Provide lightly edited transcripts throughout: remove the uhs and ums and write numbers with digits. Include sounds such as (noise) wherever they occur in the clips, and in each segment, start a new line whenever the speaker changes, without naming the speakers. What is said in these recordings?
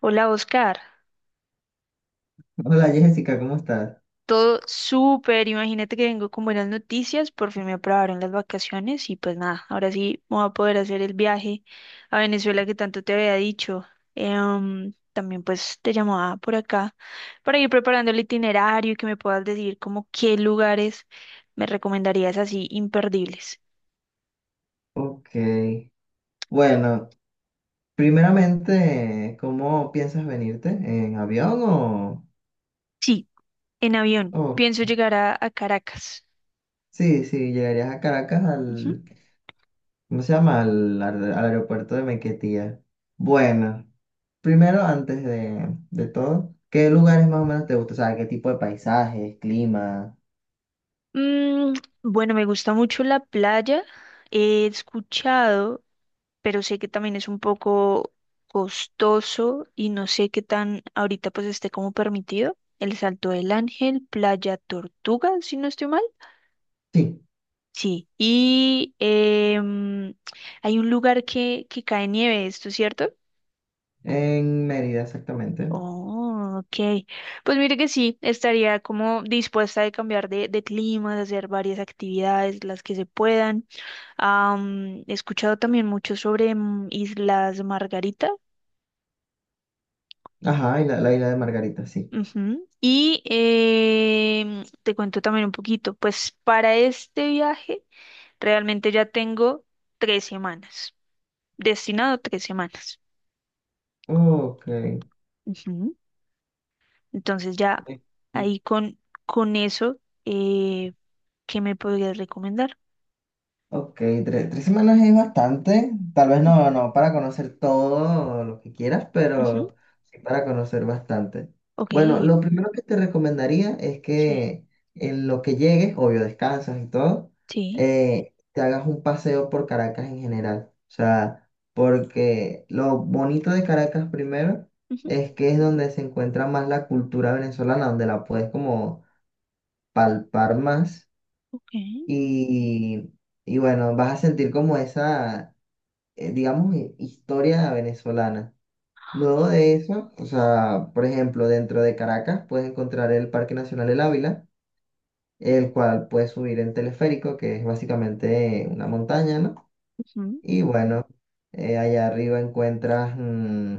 Hola Oscar,
Hola Jessica, ¿cómo estás?
todo súper, imagínate que vengo con buenas noticias, por fin me aprobaron las vacaciones y pues nada, ahora sí me voy a poder hacer el viaje a Venezuela que tanto te había dicho. También pues te llamaba por acá para ir preparando el itinerario y que me puedas decir como qué lugares me recomendarías así imperdibles.
Ok. Bueno, primeramente, ¿cómo piensas venirte? ¿En avión o?
Sí, en avión,
o-
pienso llegar a Caracas.
sí, sí, llegarías a Caracas
Ujú,
al. ¿Cómo se llama? Al aeropuerto de Maiquetía. Bueno, primero, antes de todo, ¿qué
ujú.
lugares más o menos te gustan? O sea, ¿qué tipo de paisajes, clima?
Mm, bueno, me gusta mucho la playa. He escuchado, pero sé que también es un poco costoso y no sé qué tan ahorita pues esté como permitido. El Salto del Ángel, Playa Tortuga, si no estoy mal.
Sí,
Sí, y hay un lugar que cae nieve, ¿esto es cierto?
en Mérida exactamente.
Oh, ok. Pues mire que sí, estaría como dispuesta a cambiar de clima, de hacer varias actividades, las que se puedan. He escuchado también mucho sobre Islas Margarita.
Ajá, y la isla de Margarita, sí.
Ujú. Y te cuento también un poquito, pues para este viaje realmente ya tengo tres semanas, destinado tres semanas.
Ok.
Ujú. Entonces ya ahí con eso, eh, ¿qué me podrías recomendar?
Ok, tres semanas es bastante. Tal vez no para conocer todo lo que quieras,
Ujú.
pero sí para conocer bastante.
Ok,
Bueno, lo primero que te recomendaría es
sí,
que en lo que llegues, obvio, descansas y todo,
sí,
te hagas un paseo por Caracas en general. O sea, porque lo bonito de Caracas primero
ujú,
es que es donde se encuentra más la cultura venezolana, donde la puedes como palpar más.
ok,
Y, y bueno, vas a sentir como esa, digamos, historia venezolana. Luego de eso, o sea, por ejemplo, dentro de Caracas puedes encontrar el Parque Nacional El Ávila, el cual puedes subir en teleférico, que es básicamente una montaña, ¿no?
ujú.
Y bueno, allá arriba encuentras,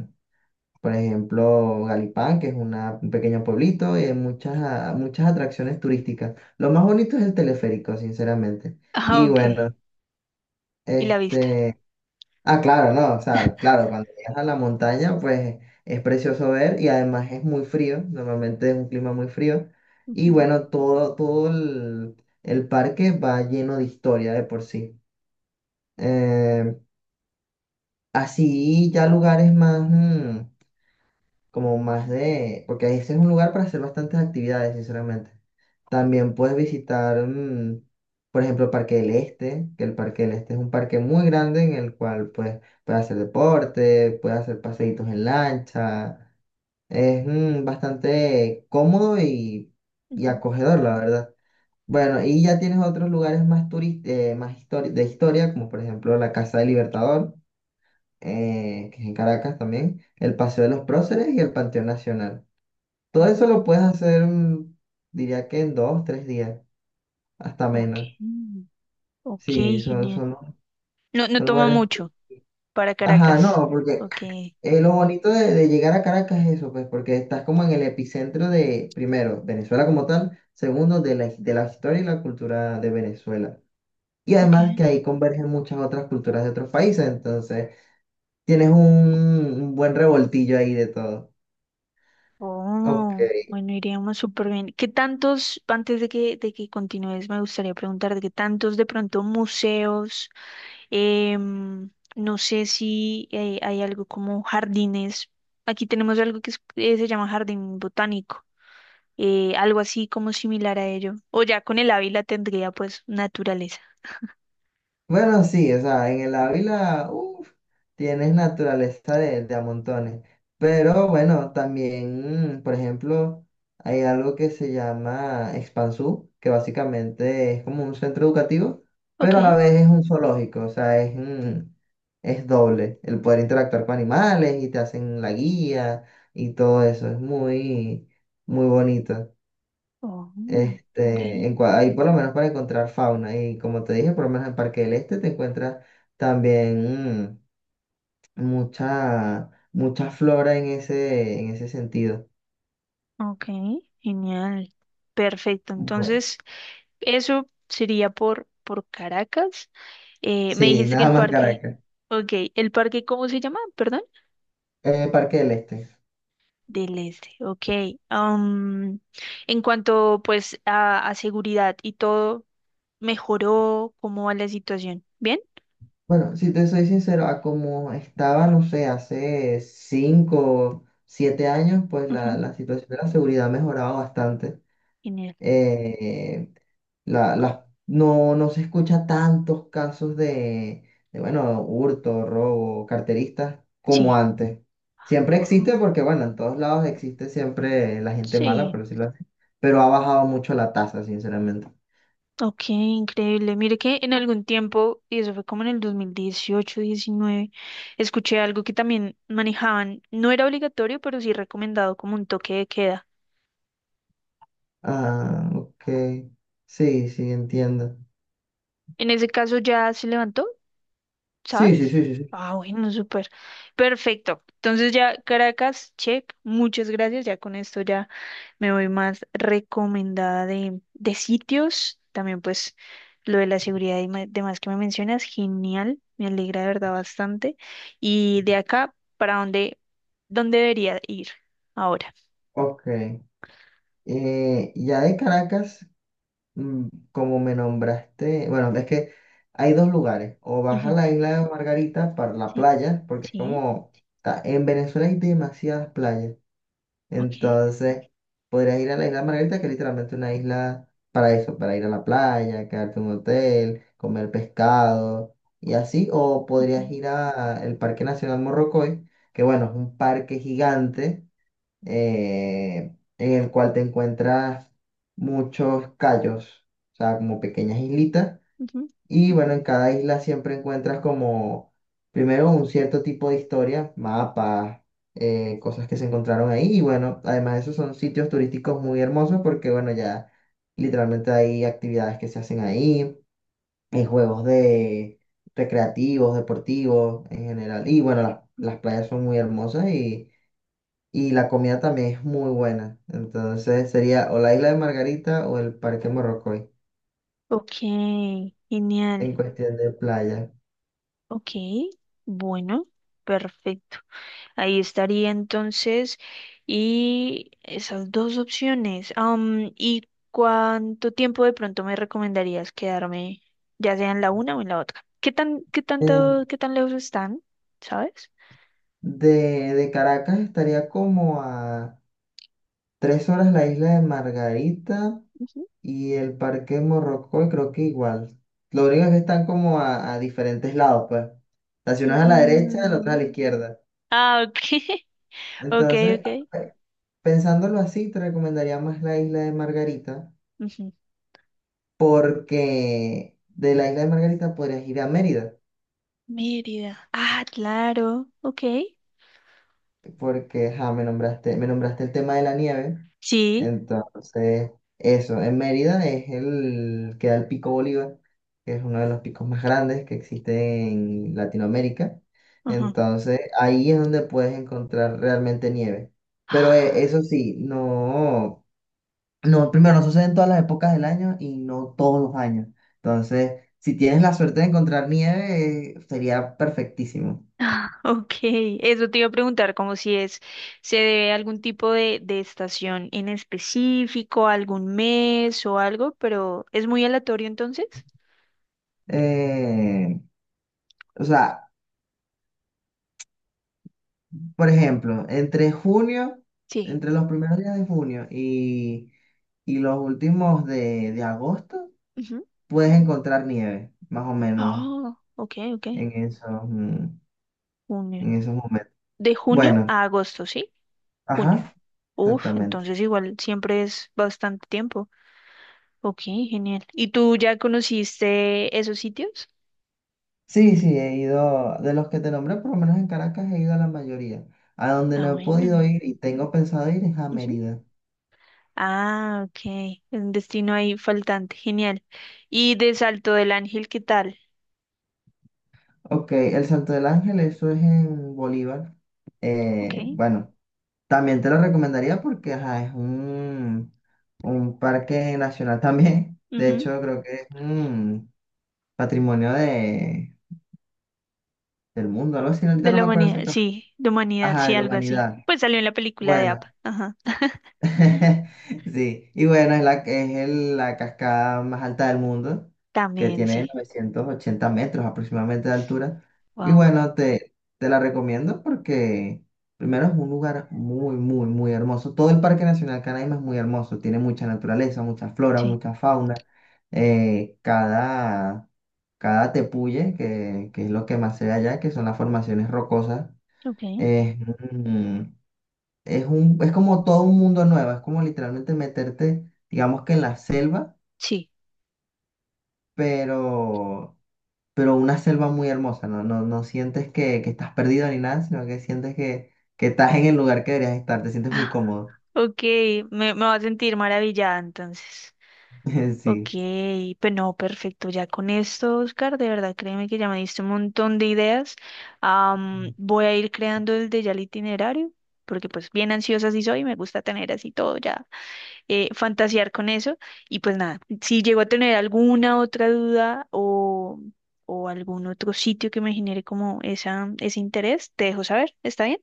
por ejemplo, Galipán, que es un pequeño pueblito, y hay muchas, muchas atracciones turísticas. Lo más bonito es el teleférico, sinceramente.
Ah,
Y
ok,
bueno,
y la vista.
Este, ah, claro, no, o sea, claro, cuando llegas a la montaña, pues es precioso ver y además es muy frío, normalmente es un clima muy frío. Y
Ujú,
bueno, todo el parque va lleno de historia de por sí. Eh, Así ya lugares más, como más de, porque ese es un lugar para hacer bastantes actividades, sinceramente. También puedes visitar, por ejemplo, el Parque del Este, que el Parque del Este es un parque muy grande en el cual pues, puedes hacer deporte, puedes hacer paseitos en lancha. Es bastante cómodo y
ujú.
acogedor, la verdad. Bueno, y ya tienes otros lugares más, más de historia, como por ejemplo la Casa del Libertador, que es en Caracas también, el Paseo de los Próceres y el Panteón Nacional. Todo
Oh,
eso lo puedes hacer, diría que en dos, tres días, hasta
ok,
menos.
ok,
Sí,
genial. No, no
son
toma
lugares.
mucho. Para
Ajá,
Caracas.
no, porque
Ok.
lo bonito de llegar a Caracas es eso, pues, porque estás como en el epicentro de, primero, Venezuela como tal, segundo, de la historia y la cultura de Venezuela. Y
Ok.
además que ahí convergen muchas otras culturas de otros países, entonces tienes un buen revoltillo ahí de todo. Ok.
Oh, bueno, iríamos súper bien. ¿Qué tantos, antes de que continúes, me gustaría preguntar de qué tantos de pronto museos, em, no sé si hay algo como jardines. Aquí tenemos algo que se llama jardín botánico, algo así como similar a ello. O ya con el Ávila tendría pues naturaleza.
Bueno, sí, o sea, en el Ávila, uff, tienes naturaleza de a montones. Pero bueno, también, por ejemplo, hay algo que se llama Expansú, que básicamente es como un centro educativo,
Ok.
pero a la vez es un zoológico, o sea, es, es doble. El poder interactuar con animales y te hacen la guía y todo eso, es muy, muy bonito.
Oh, ok.
En ahí por lo menos para encontrar fauna. Y como te dije, por lo menos en Parque del Este te encuentras también mucha, mucha flora en ese sentido.
Ok, genial. Perfecto.
Bueno,
Entonces... eso sería por Caracas. Me
sí, (laughs)
dijiste que
nada
el
más
parque,
Caracas.
ok, ¿el parque cómo se llama? Perdón.
Parque del Este.
Del Este, ok. Am, en cuanto pues a seguridad y todo, ¿mejoró? ¿Cómo va la situación? ¿Bien?
Bueno, si te soy sincero, a como estaba, no sé, hace 5, 7 años, pues la-
Ujú,
la situación de la seguridad ha mejorado bastante.
genial.
Eh, la, no, no se escucha tantos casos de, bueno, hurto, robo, carteristas como
Sí.
antes. Siempre existe
Guau,
porque, bueno, en todos lados existe siempre la gente mala,
sí.
por decirlo así, pero ha bajado mucho la tasa, sinceramente.
Ok, increíble. Mire que en algún tiempo, y eso fue como en el 2018, 19, escuché algo que también manejaban. No era obligatorio, pero sí recomendado como un toque de queda.
Ah, ok. Sí, sí, entiendo.
En ese caso ya se levantó, ¿sabes?
Sí, sí, sí, sí,
Ah,
sí.
bueno, súper. Perfecto. Entonces ya Caracas, check. Muchas gracias. Ya con esto ya me voy más recomendada de sitios. También pues lo de la seguridad y demás que me mencionas, genial. Me alegra de verdad bastante. Y de acá, ¿para dónde, dónde debería ir ahora?
Ok. Ya de Caracas. Como me nombraste, bueno, es que hay dos lugares, o vas a
Ujú,
la isla de Margarita para la
sí,
playa, porque es
sí,
como, en Venezuela hay demasiadas playas,
ok.
entonces podrías ir a la isla de Margarita, que es literalmente una isla para eso, para ir a la playa, quedarte en un hotel, comer pescado y así, o podrías
Ujú,
ir al Parque Nacional Morrocoy, que bueno, es un parque gigante en el cual te encuentras muchos cayos, o sea, como pequeñas islitas.
ujú.
Y bueno, en cada isla siempre encuentras como, primero, un cierto tipo de historia, mapas, cosas que se encontraron ahí. Y bueno, además de eso son sitios turísticos muy hermosos porque bueno, ya literalmente hay actividades que se hacen ahí, hay juegos de recreativos, deportivos en general. Y bueno, las playas son muy hermosas y la comida también es muy buena. Entonces sería o la isla de Margarita o el Parque Morrocoy
Ok, genial.
en cuestión de playa.
Ok, bueno, perfecto. Ahí estaría entonces. Y esas dos opciones. ¿Y cuánto tiempo de pronto me recomendarías quedarme, ya sea en la una o en la otra? ¿Qué tan, qué tanto,
En-
qué tan lejos están? ¿Sabes?
de, de Caracas estaría como a 3 horas la isla de Margarita
Ujú.
y el Parque Morrocoy creo que igual. Lo único es que están como a diferentes lados, pues. La ciudad es a la derecha, la otra es a
Mm,
la izquierda.
Ah, ok, (laughs) ok,
Entonces,
ok.
pensándolo así, te recomendaría más la isla de Margarita
Ujú.
porque de la isla de Margarita podrías ir a Mérida.
Mérida. Ah, claro, ok.
Porque ja, me nombraste el tema de la nieve.
Sí.
Entonces, eso, en Mérida es el queda el Pico Bolívar, que es uno de los picos más grandes que existe en Latinoamérica.
Ajá.
Entonces, ahí es donde puedes encontrar realmente nieve. Pero eso
(sighs)
sí, no, no, primero, no sucede en todas las épocas del año y no todos los años. Entonces, si tienes la suerte de encontrar nieve, sería perfectísimo.
(laughs) Ah, ok, eso te iba a preguntar, como si es, se debe a algún tipo de estación en específico, algún mes o algo, pero ¿es muy aleatorio entonces?
Eh, o sea, por ejemplo, entre junio,
Sí.
entre los primeros días de junio y los últimos de agosto,
Ujú.
puedes encontrar nieve, más o menos,
Oh, ok, ok.
en esos,
Junio.
en esos momentos.
De junio
Bueno,
a agosto, ¿sí? Junio.
ajá,
Uf,
exactamente.
entonces igual siempre es bastante tiempo. Ok, genial. ¿Y tú ya conociste esos sitios?
Sí, sí, he ido, de los que te nombré, por lo menos en Caracas he ido a la mayoría. A donde
Ah,
no he podido
bueno.
ir y tengo pensado ir es a Mérida.
Ah, ok. Es un destino ahí faltante. Genial. Y de Salto del Ángel, ¿qué tal?
Ok, el Salto del Ángel, eso es en Bolívar.
Ok.
Bueno. También te lo recomendaría porque ajá, es un parque nacional también. De
Ujú.
hecho, creo que es un patrimonio de, del mundo, algo así. Ahorita
De
no
la
me acuerdo
humanidad,
exactamente.
sí, de humanidad,
Ajá,
sí,
de la
algo así.
humanidad.
Pues salió en la película de
Bueno.
APA. Ajá. (laughs)
(laughs) Sí, y bueno, es la, la cascada más alta del mundo, que
También,
tiene
sí.
980 metros aproximadamente de altura. Y
Wow.
bueno, te la recomiendo porque primero es un lugar muy, muy, muy hermoso. Todo el Parque Nacional Canaima es muy hermoso, tiene mucha naturaleza, mucha flora,
Sí.
mucha fauna. Cada, cada tepuye, que es lo que más se ve allá, que son las formaciones rocosas,
Ok.
es, es un, es como todo un mundo nuevo, es como literalmente meterte, digamos que en la selva,
Sí.
pero, pero una selva muy hermosa, no, no, no sientes que estás perdido ni nada, sino que sientes que estás en el lugar que deberías estar, te sientes muy cómodo.
Ok, me voy a sentir maravillada entonces.
(laughs)
Ok,
Sí,
pues no, perfecto. Ya con esto, Oscar, de verdad, créeme que ya me diste un montón de ideas. Voy a ir creando el de ya el itinerario, porque pues bien ansiosa sí soy, me gusta tener así todo ya, fantasear con eso. Y pues nada, si llego a tener alguna otra duda o algún otro sitio que me genere como esa, ese interés, te dejo saber, ¿está bien?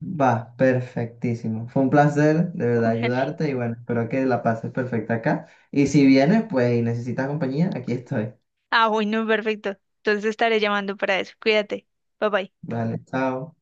va, perfectísimo. Fue un placer de
(laughs)
verdad
Ujale.
ayudarte y bueno, espero que la pases perfecta acá. Y si vienes, pues y necesitas compañía, aquí estoy.
Ah, bueno, perfecto. Entonces estaré llamando para eso. Cuídate. Bye bye.
Vale, chao.